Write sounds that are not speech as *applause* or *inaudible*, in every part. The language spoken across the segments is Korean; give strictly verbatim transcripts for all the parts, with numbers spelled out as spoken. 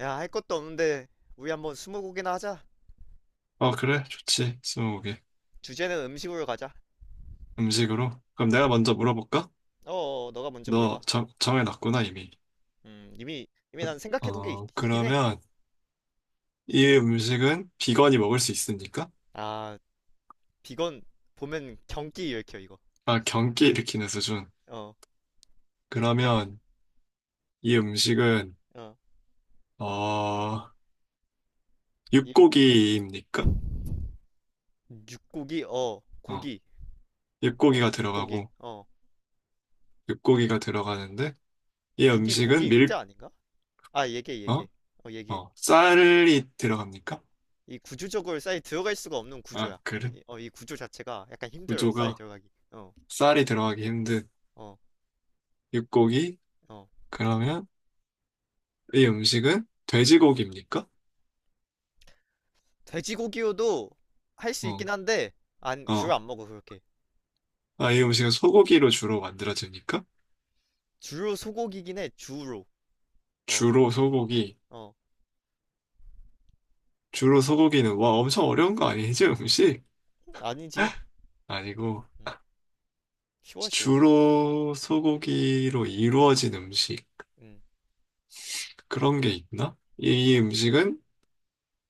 야, 할 것도 없는데 우리 한번 스무고개나 하자. 어, 그래. 좋지. 스무고개. 주제는 음식으로 가자. 음식으로. 그럼 음. 내가 먼저 물어볼까? 어, 어, 어, 너가 먼저 너 물어봐. 정, 정해놨구나, 이미. 음, 이미 이미 난 생각해둔 게 있, 어, 있긴 해. 그러면 이 음식은 음. 비건이 먹을 수 있습니까? 아, 비건 보면 경기 일으켜 이거. 아, 경기 일으키는 수준. 어, 그러면 이 음식은, 어, 어, 이 음, 육고기입니까? 육고기, 어, 어, 고기, 어, 육고기가 육고기, 들어가고, 어, 육고기가 들어가는데, 이 육이 음식은 고기 밀, 육자 아닌가? 아, 얘기해, 어? 얘기해. 어, 얘기해. 어, 쌀이 들어갑니까? 이 구조적으로 쌀이 들어갈 수가 없는 아, 구조야. 그래. 이, 어, 이 구조 자체가 약간 힘들어, 쌀이 구조가 들어가기. 어, 쌀이 들어가기 힘든 어, 육고기? 어. 그러면 이 음식은 돼지고기입니까? 돼지고기요도 할 수 어, 있긴 한데 안 주로 어. 안 먹어 그렇게. 아, 이 음식은 소고기로 주로 만들어집니까? 주로 소고기긴 해 주로. 어. 주로 소고기. 어. 주로 소고기는, 와, 엄청 어려운 거 아니지, 음식? 아니지. 아니고, 음, 쉬워 쉬워. 주로 소고기로 이루어진 음식. 음. 그런 게 있나? 이 이 음식은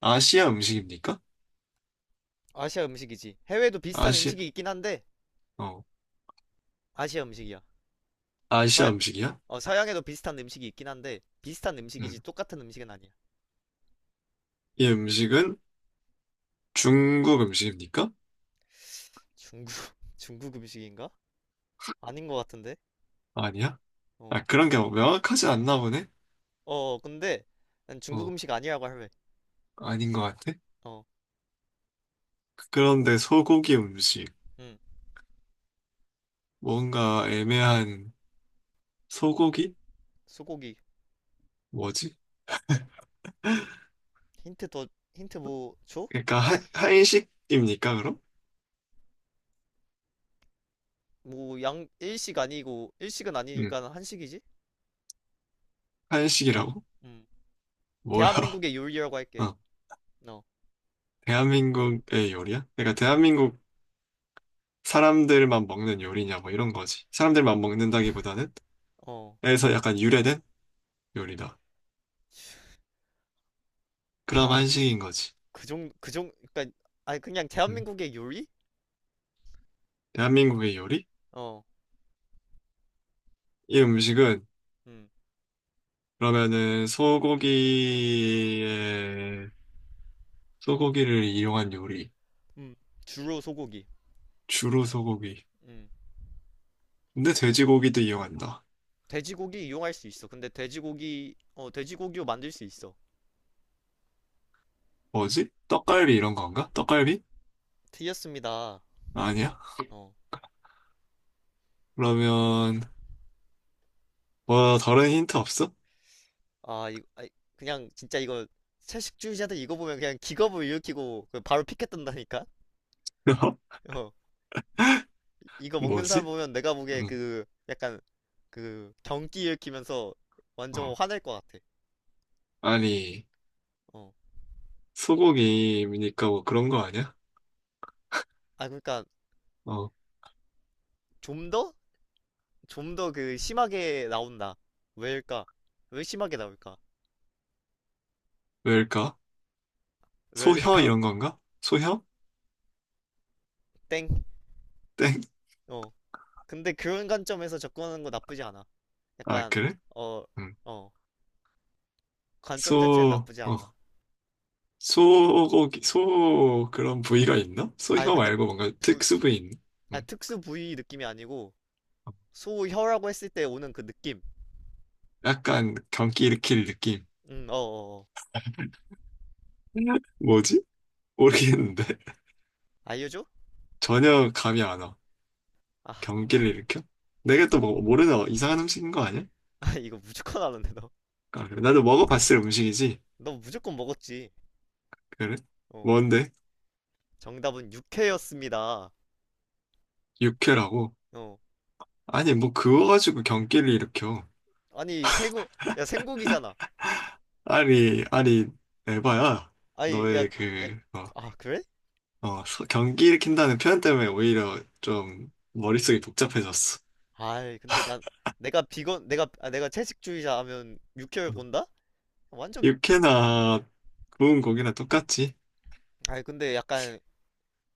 아시아 음식입니까? 아시아 음식이지. 해외도 비슷한 아시아, 음식이 있긴 한데 어, 아시아 음식이야. 아시아 서양, 음식이야? 어, 서양에도 비슷한 음식이 있긴 한데 비슷한 음식이지 음. 똑같은 음식은 아니야. 이 음식은 중국 음식입니까? 중국 *laughs* 중국 음식인가? 아닌 것 같은데. 아니야? 아, 그런 게 명확하지 않나 보네? 어어 근데 난 중국 어, 음식 아니라고 할래. 아닌 것 같아? 그런데 소고기 음식. 어음. 뭔가 애매한 소고기? 소고기. 뭐지? 힌트 더 힌트 뭐 줘? 그러니까 한, 한식입니까, 그럼? 뭐 양 일식 아니고 일식은 응, 아니니까 한식이지? 한식이라고? 음. 뭐야? 대한민국의 요리라고 *laughs* 할게. 어, 어. 대한민국의 요리야? 그러니까 음. 대한민국 사람들만 먹는 요리냐, 뭐 이런 거지. 사람들만 먹는다기보다는 어. 에서 약간 유래된 요리다. 그럼 아, 한식인 거지. 그정그정 그러니까 아니 그냥 응. 대한민국의 요리? 대한민국의 요리? 어. 이 음식은 음. 그러면은 소고기에 소고기를 이용한 요리. 음. 주로 소고기. 주로 소고기. 음. 근데 돼지고기도 이용한다. 돼지고기 이용할 수 있어. 근데 돼지고기 어 돼지고기로 만들 수 있어. 뭐지? 떡갈비 이런 건가? 떡갈비? 틀렸습니다. 아니야? 어. 그러면 뭐 다른 힌트 없어? 아, 이 아이, 그냥 진짜 이거 채식주의자들 이거 보면 그냥 기겁을 일으키고 그 바로 피켓 뜬다니까. *laughs* 어. 이거 먹는 사람 뭐지? 보면 내가 보기에 음, 그 약간 그 경기 일으키면서 완전 어. 화낼 것 같아. 아니 어. 소고기니까 뭐 그런 거 아니야? 아 그러니까 어, 좀 더? 좀 더 그 심하게 나온다. 왜일까? 왜 심하게 나올까? 왜일까? 소혀 왜일까? 이런 건가? 소혀? *laughs* 땡. 땡. 어. 근데 그런 관점에서 접근하는 거 나쁘지 않아. 아, 약간 그래? 어, 음. 어. 관점 자체는 소, 나쁘지 않아. 어. 소고기, 소 그런 부위가 있나? 아니 소혀 근데 말고 뭔가 부, 부- 특수 부위 있나? 아, 음. 특수 부위 느낌이 아니고 소혀라고 했을 때 오는 그 느낌. 약간 경기 일으킬 느낌. 음, 어, 어, 어. *laughs* 뭐지? 모르겠는데. *laughs* 알려줘? 전혀 감이 안 와. 아, 아, 경기를 일으켜? 내가 또 뭐, 모르는 어, 이상한 음식인 거 아니야? *laughs* 이거 무조건 아는데 너. 아, 그래. 나도 먹어봤을 음식이지. 너 무조건 먹었지. 그래? 어. 뭔데? 정답은 육회였습니다. 육회라고? 어. 아니, 뭐 그거 가지고 경기를 일으켜. 아니 생고 야 생고기잖아. 아니, 아니, 에바야. 아니 야, 너의 야, 그, 어, 아 그래? 어, 서- 경기 일으킨다는 표현 때문에 오히려 좀 머릿속이 복잡해졌어. 아이 근데 난 내가 비건 내가 아, 내가 채식주의자 하면 육회를 음. 본다? 완전. 육회나 구운 고기나 똑같지? 아이 근데 약간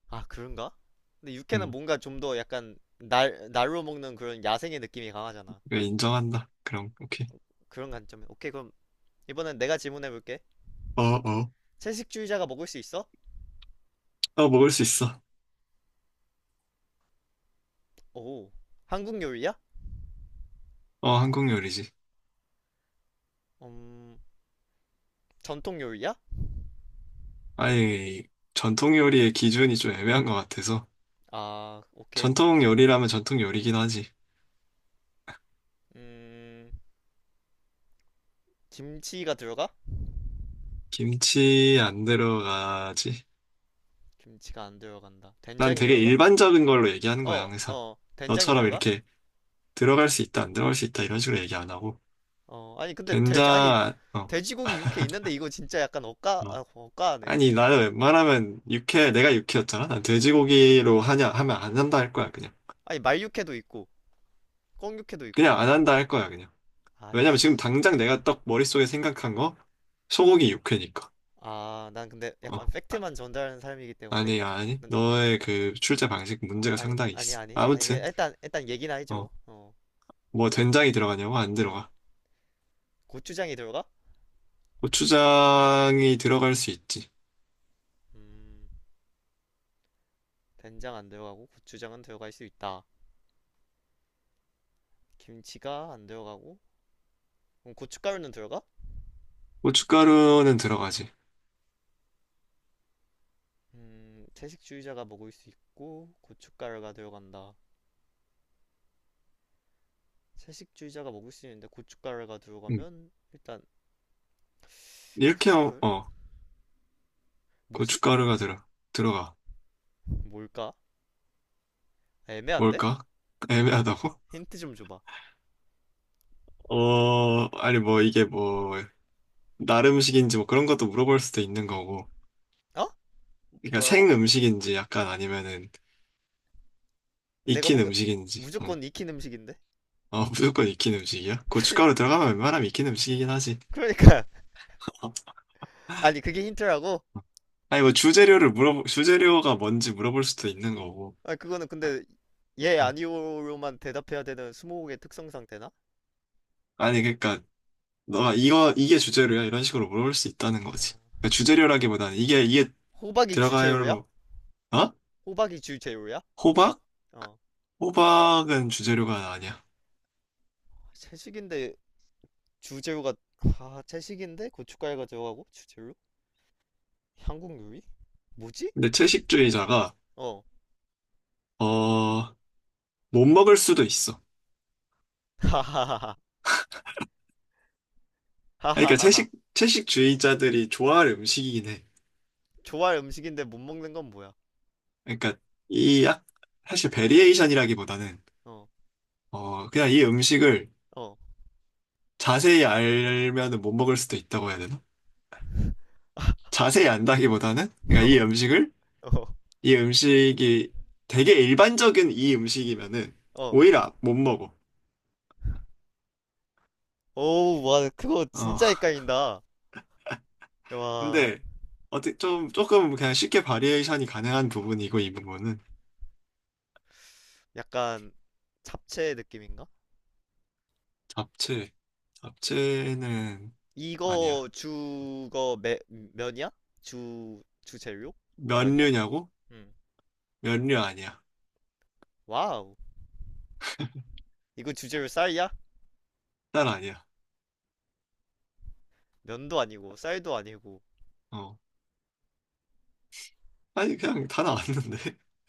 아 그런가? 근데 육회는 응, 뭔가 좀 더 약간 날 날로 먹는 그런 야생의 느낌이 강하잖아. 그래, 인정한다. 그럼, 오케이. 그런 관점에 오케이. 그럼 이번엔 내가 질문해 볼게. 어, 어. 채식주의자가 먹을 수 있어? 어, 먹을 수 있어. 오. 한국 요리야? 어, 한국 요리지. 음. 전통 요리야? 아니, 전통 요리의 기준이 좀 애매한 것 같아서. 아, 오케이. 전통 요리라면 전통 요리긴 하지. 음, 김치가 들어가? 김치 안 들어가지. 김치가 안 들어간다. 난 된장이 되게 들어가? 일반적인 걸로 얘기하는 거야, 어, 항상. 어, 된장이 너처럼 들어가? 이렇게 들어갈 수 있다, 안 들어갈 수 있다, 이런 식으로 얘기 안 하고. 어, 아니, 근데 돼지, 아니, 된장, 어, 돼지고기 육회 있는데 이거 진짜 약간 억까, 어. 아, 억까하네. 아니, 나는 웬만하면 육회, 내가 육회였잖아? 난 어. 돼지고기로 하냐, 하면 안 한다 할 거야, 그냥. 아니, 말육회도 있고, 꿩육회도 있고. 그냥 안 한다 할 거야, 그냥. 왜냐면 지금 아이씨. 당장 내가 딱 머릿속에 생각한 거, 소고기 육회니까. 아, 난 근데 약간 어. 팩트만 전달하는 사람이기 때문에. 아니, 아니. 난- 너의 그 출제 방식 문제가 아니, 상당히 아니, 있어. 아니. 아니, 그냥 아무튼, 일단, 일단 얘기나 해줘. 어, 어, 뭐 된장이 들어가냐고? 안 어. 들어가. 고추장이 들어가? 고추장이 들어갈 수 있지. 음, 된장 안 들어가고 고추장은 들어갈 수 있다. 김치가 안 들어가고 그럼 고춧가루는 들어가? 고춧가루는 들어가지. 음, 채식주의자가 먹을 수 있고 고춧가루가 들어간다. 채식주의자가 먹을 수 있는데 고춧가루가 응. 들어가면 일단 이렇게, 어, 고춧가루? 어, 뭐지? 고춧가루가 들어, 들어가. 뭘까? 애매한데? 뭘까? 애매하다고? 힌트 좀 줘봐. *laughs* 어, 아니, 뭐, 이게 뭐, 날 음식인지 뭐 그런 것도 물어볼 수도 있는 거고. 어? 그러니까 뭐라고? 생 음식인지 약간 아니면은 내가 익힌 보기 음식인지. 어, 무조건 익힌 음식인데? 어, 무조건 익힌 음식이야? 고춧가루 들어가면 웬만하면 익힌 음식이긴 하지. 그러니까 *laughs* 어. 아니 그게 힌트라고? 아니 뭐 주재료를 물어 주재료가 뭔지 물어볼 수도 있는 거고. 아 그거는 근데 예 응. 아니오로만 대답해야 되는 스무고개 특성상 되나? 아니 그러니까 너가 이거 이게 주재료야 이런 식으로 물어볼 수 있다는 거지. 어. 그러니까 주재료라기보다는 이게 이게 호박이 주재료야? 들어가요로 어? 호박이 주재료야? 호박? 호박. 어. 호박은 주재료가 아니야. 채식인데 주재료가 아 채식인데 고춧가루가 들어가고 주재료? 한국 요리? 뭐지? 근데 채식주의자가 어. 어 못 먹을 수도 있어. 하하하하. 아니, 그러니까 하하하하. 채식 채식주의자들이 좋아할 음식이긴 해. 좋아할 음식인데 못 먹는 건 뭐야? 그러니까 이 약- 사실 베리에이션이라기보다는 어 그냥 이 음식을 어 어 어어. 자세히 알면은 못 먹을 수도 있다고 해야 되나? 자세히 안다기보다는 그러니까 이 음식을 이 음식이 되게 일반적인 이 음식이면은 오히려 못 먹어. 오우 *laughs* 와 그거 어. 진짜 *laughs* 헷갈린다. 와. 근데 어떻게 좀 조금 그냥 쉽게 바리에이션이 가능한 부분이고 이 부분은 약간 잡채 느낌인가? 잡채. 잡채는 아니야. 이거 주거 매, 면이야? 주 주재료? 면이야? 면류냐고? 응. 면류 아니야. 와우. 이거 주재료 쌀이야? 딸 아니야. 면도 아니고 쌀도 아니고 어. 아니 그냥 다 나왔는데. *laughs*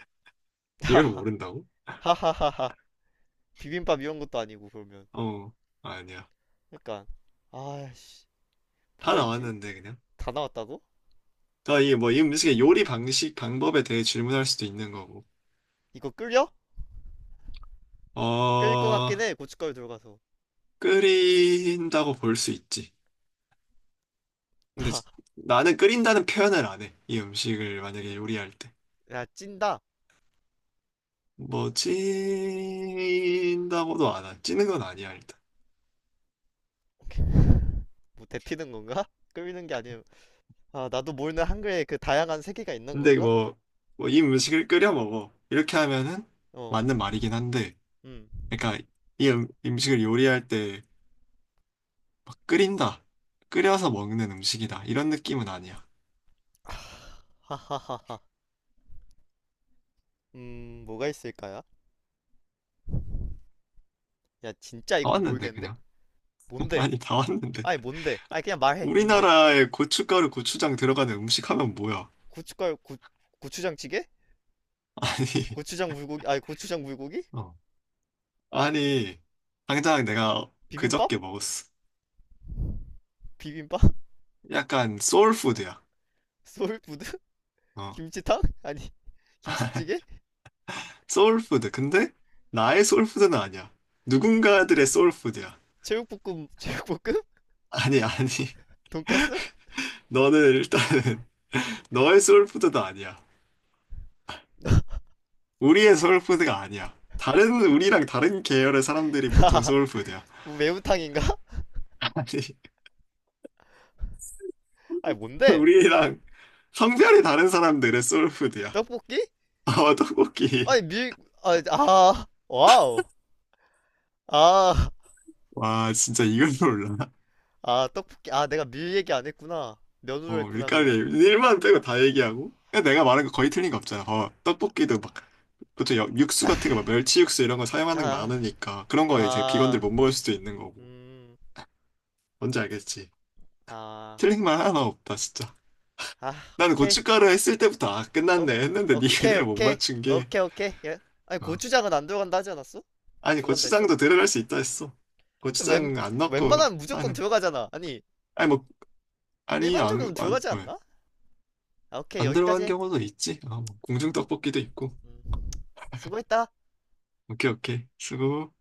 이걸 *laughs* 모른다고? 하하하하. 비빔밥 이런 것도 아니고 그러면. 어. 아니야. 그러니까 아씨 다 뭐가 있지? 나왔는데 그냥. 다 나왔다고? 아, 이게 뭐 이 음식의 요리 방식 방법에 대해 질문할 수도 있는 거고. 이거 끌려? 끌 것 같긴 어, 해. 고춧가루 들어가서. 끓인다고 볼 수 있지. 근데 나, 지- 나는 끓인다는 표현을 안 해. 이 음식을 만약에 요리할 때. 야 찐다. 뭐, 찐다고도 안 해. 찌는 건 아니야, 일단. 뭐 데피는 건가? 끌리는 게 아니에요. 아 나도 모르는 한글에 그 다양한 세계가 있는 근데 건가? 뭐, 뭐, 이 음식을 끓여 먹어. 이렇게 하면은 어, 맞는 말이긴 한데, 음. 그러니까 이 음, 음식을 요리할 때 막 끓인다. 끓여서 먹는 음식이다. 이런 느낌은 아니야. 다 하하하하. 음 뭐가 있을까요? 야 진짜 이건 왔는데, 모르겠는데? 그냥. *laughs* 뭔데? 아니, 다 왔는데. 아니 뭔데? 아니 그냥 말해. 뭔데? 우리나라에 고춧가루, 고추장 들어가는 음식 하면 뭐야? 고춧가루 고 고추장찌개? 아니, 고추장 물고기? 아니 고추장 물고기? 어. 아니, 당장 내가 비빔밥? 그저께 먹었어. 비빔밥? 약간 소울푸드야. 소울푸드? *laughs* 어, 김치탕? 아니 김치찌개? 소울푸드. 근데 나의 소울푸드는 아니야. 누군가들의 소울푸드야. 제육볶음 제육볶음? 아니, 아니. 돈까스? 하하 너는 일단은 *laughs* 너의 소울푸드도 아니야. 우리의 소울푸드가 아니야. 다른, 우리랑 다른 계열의 사람들이 보통 *laughs* 소울푸드야. 뭐 매운탕인가? 아니, *laughs* 아니 뭔데? 우리랑 성별이 다른 사람들의 소울푸드야. 떡볶이? 아, 떡볶이. 아니 밀... 아, 아 와우. 아, 와, 진짜 이걸 몰라. 아 떡볶이. 아 내가 밀 얘기 안 했구나 면으로 어, 했구나 밀가루 그냥. 얘기- 일만 빼고 다 얘기하고. 그 내가 말한 거 거의 틀린 거 없잖아. 어, 떡볶이도 막, 보통 여- 육수 같은 거, 막 멸치 육수 이런 거 사용하는 게 아, 많으니까. 그런 거 이제 비건들 아, 못 먹을 수도 있는 거고. 음, 뭔지 알겠지? 아, 틀린 말 하나 없다, 진짜. 아 나는 오케이. 고춧가루 했을 때부터, 아, 오, 끝났네. 했는데 니 오케이 그대로 못 오케이. 맞춘 게. 오케이 오케이 예? 아니 어. 고추장은 안 들어간다 하지 않았어? 아니, 들어간다 했어? 고추장도 들어갈 수 있다 했어. 웬 고추장 안 넣고 웬만하면 무조건 하는. 들어가잖아 아니 아니, 뭐, 아니, 일반 안, 조금 안, 들어가지 왜? 않나? 아, 오케이, 안 들어간 여기까지. 경우도 있지. 아, 뭐, 공중떡볶이도 있고. 음, 수고했다. 오케이, 오케이. 수고.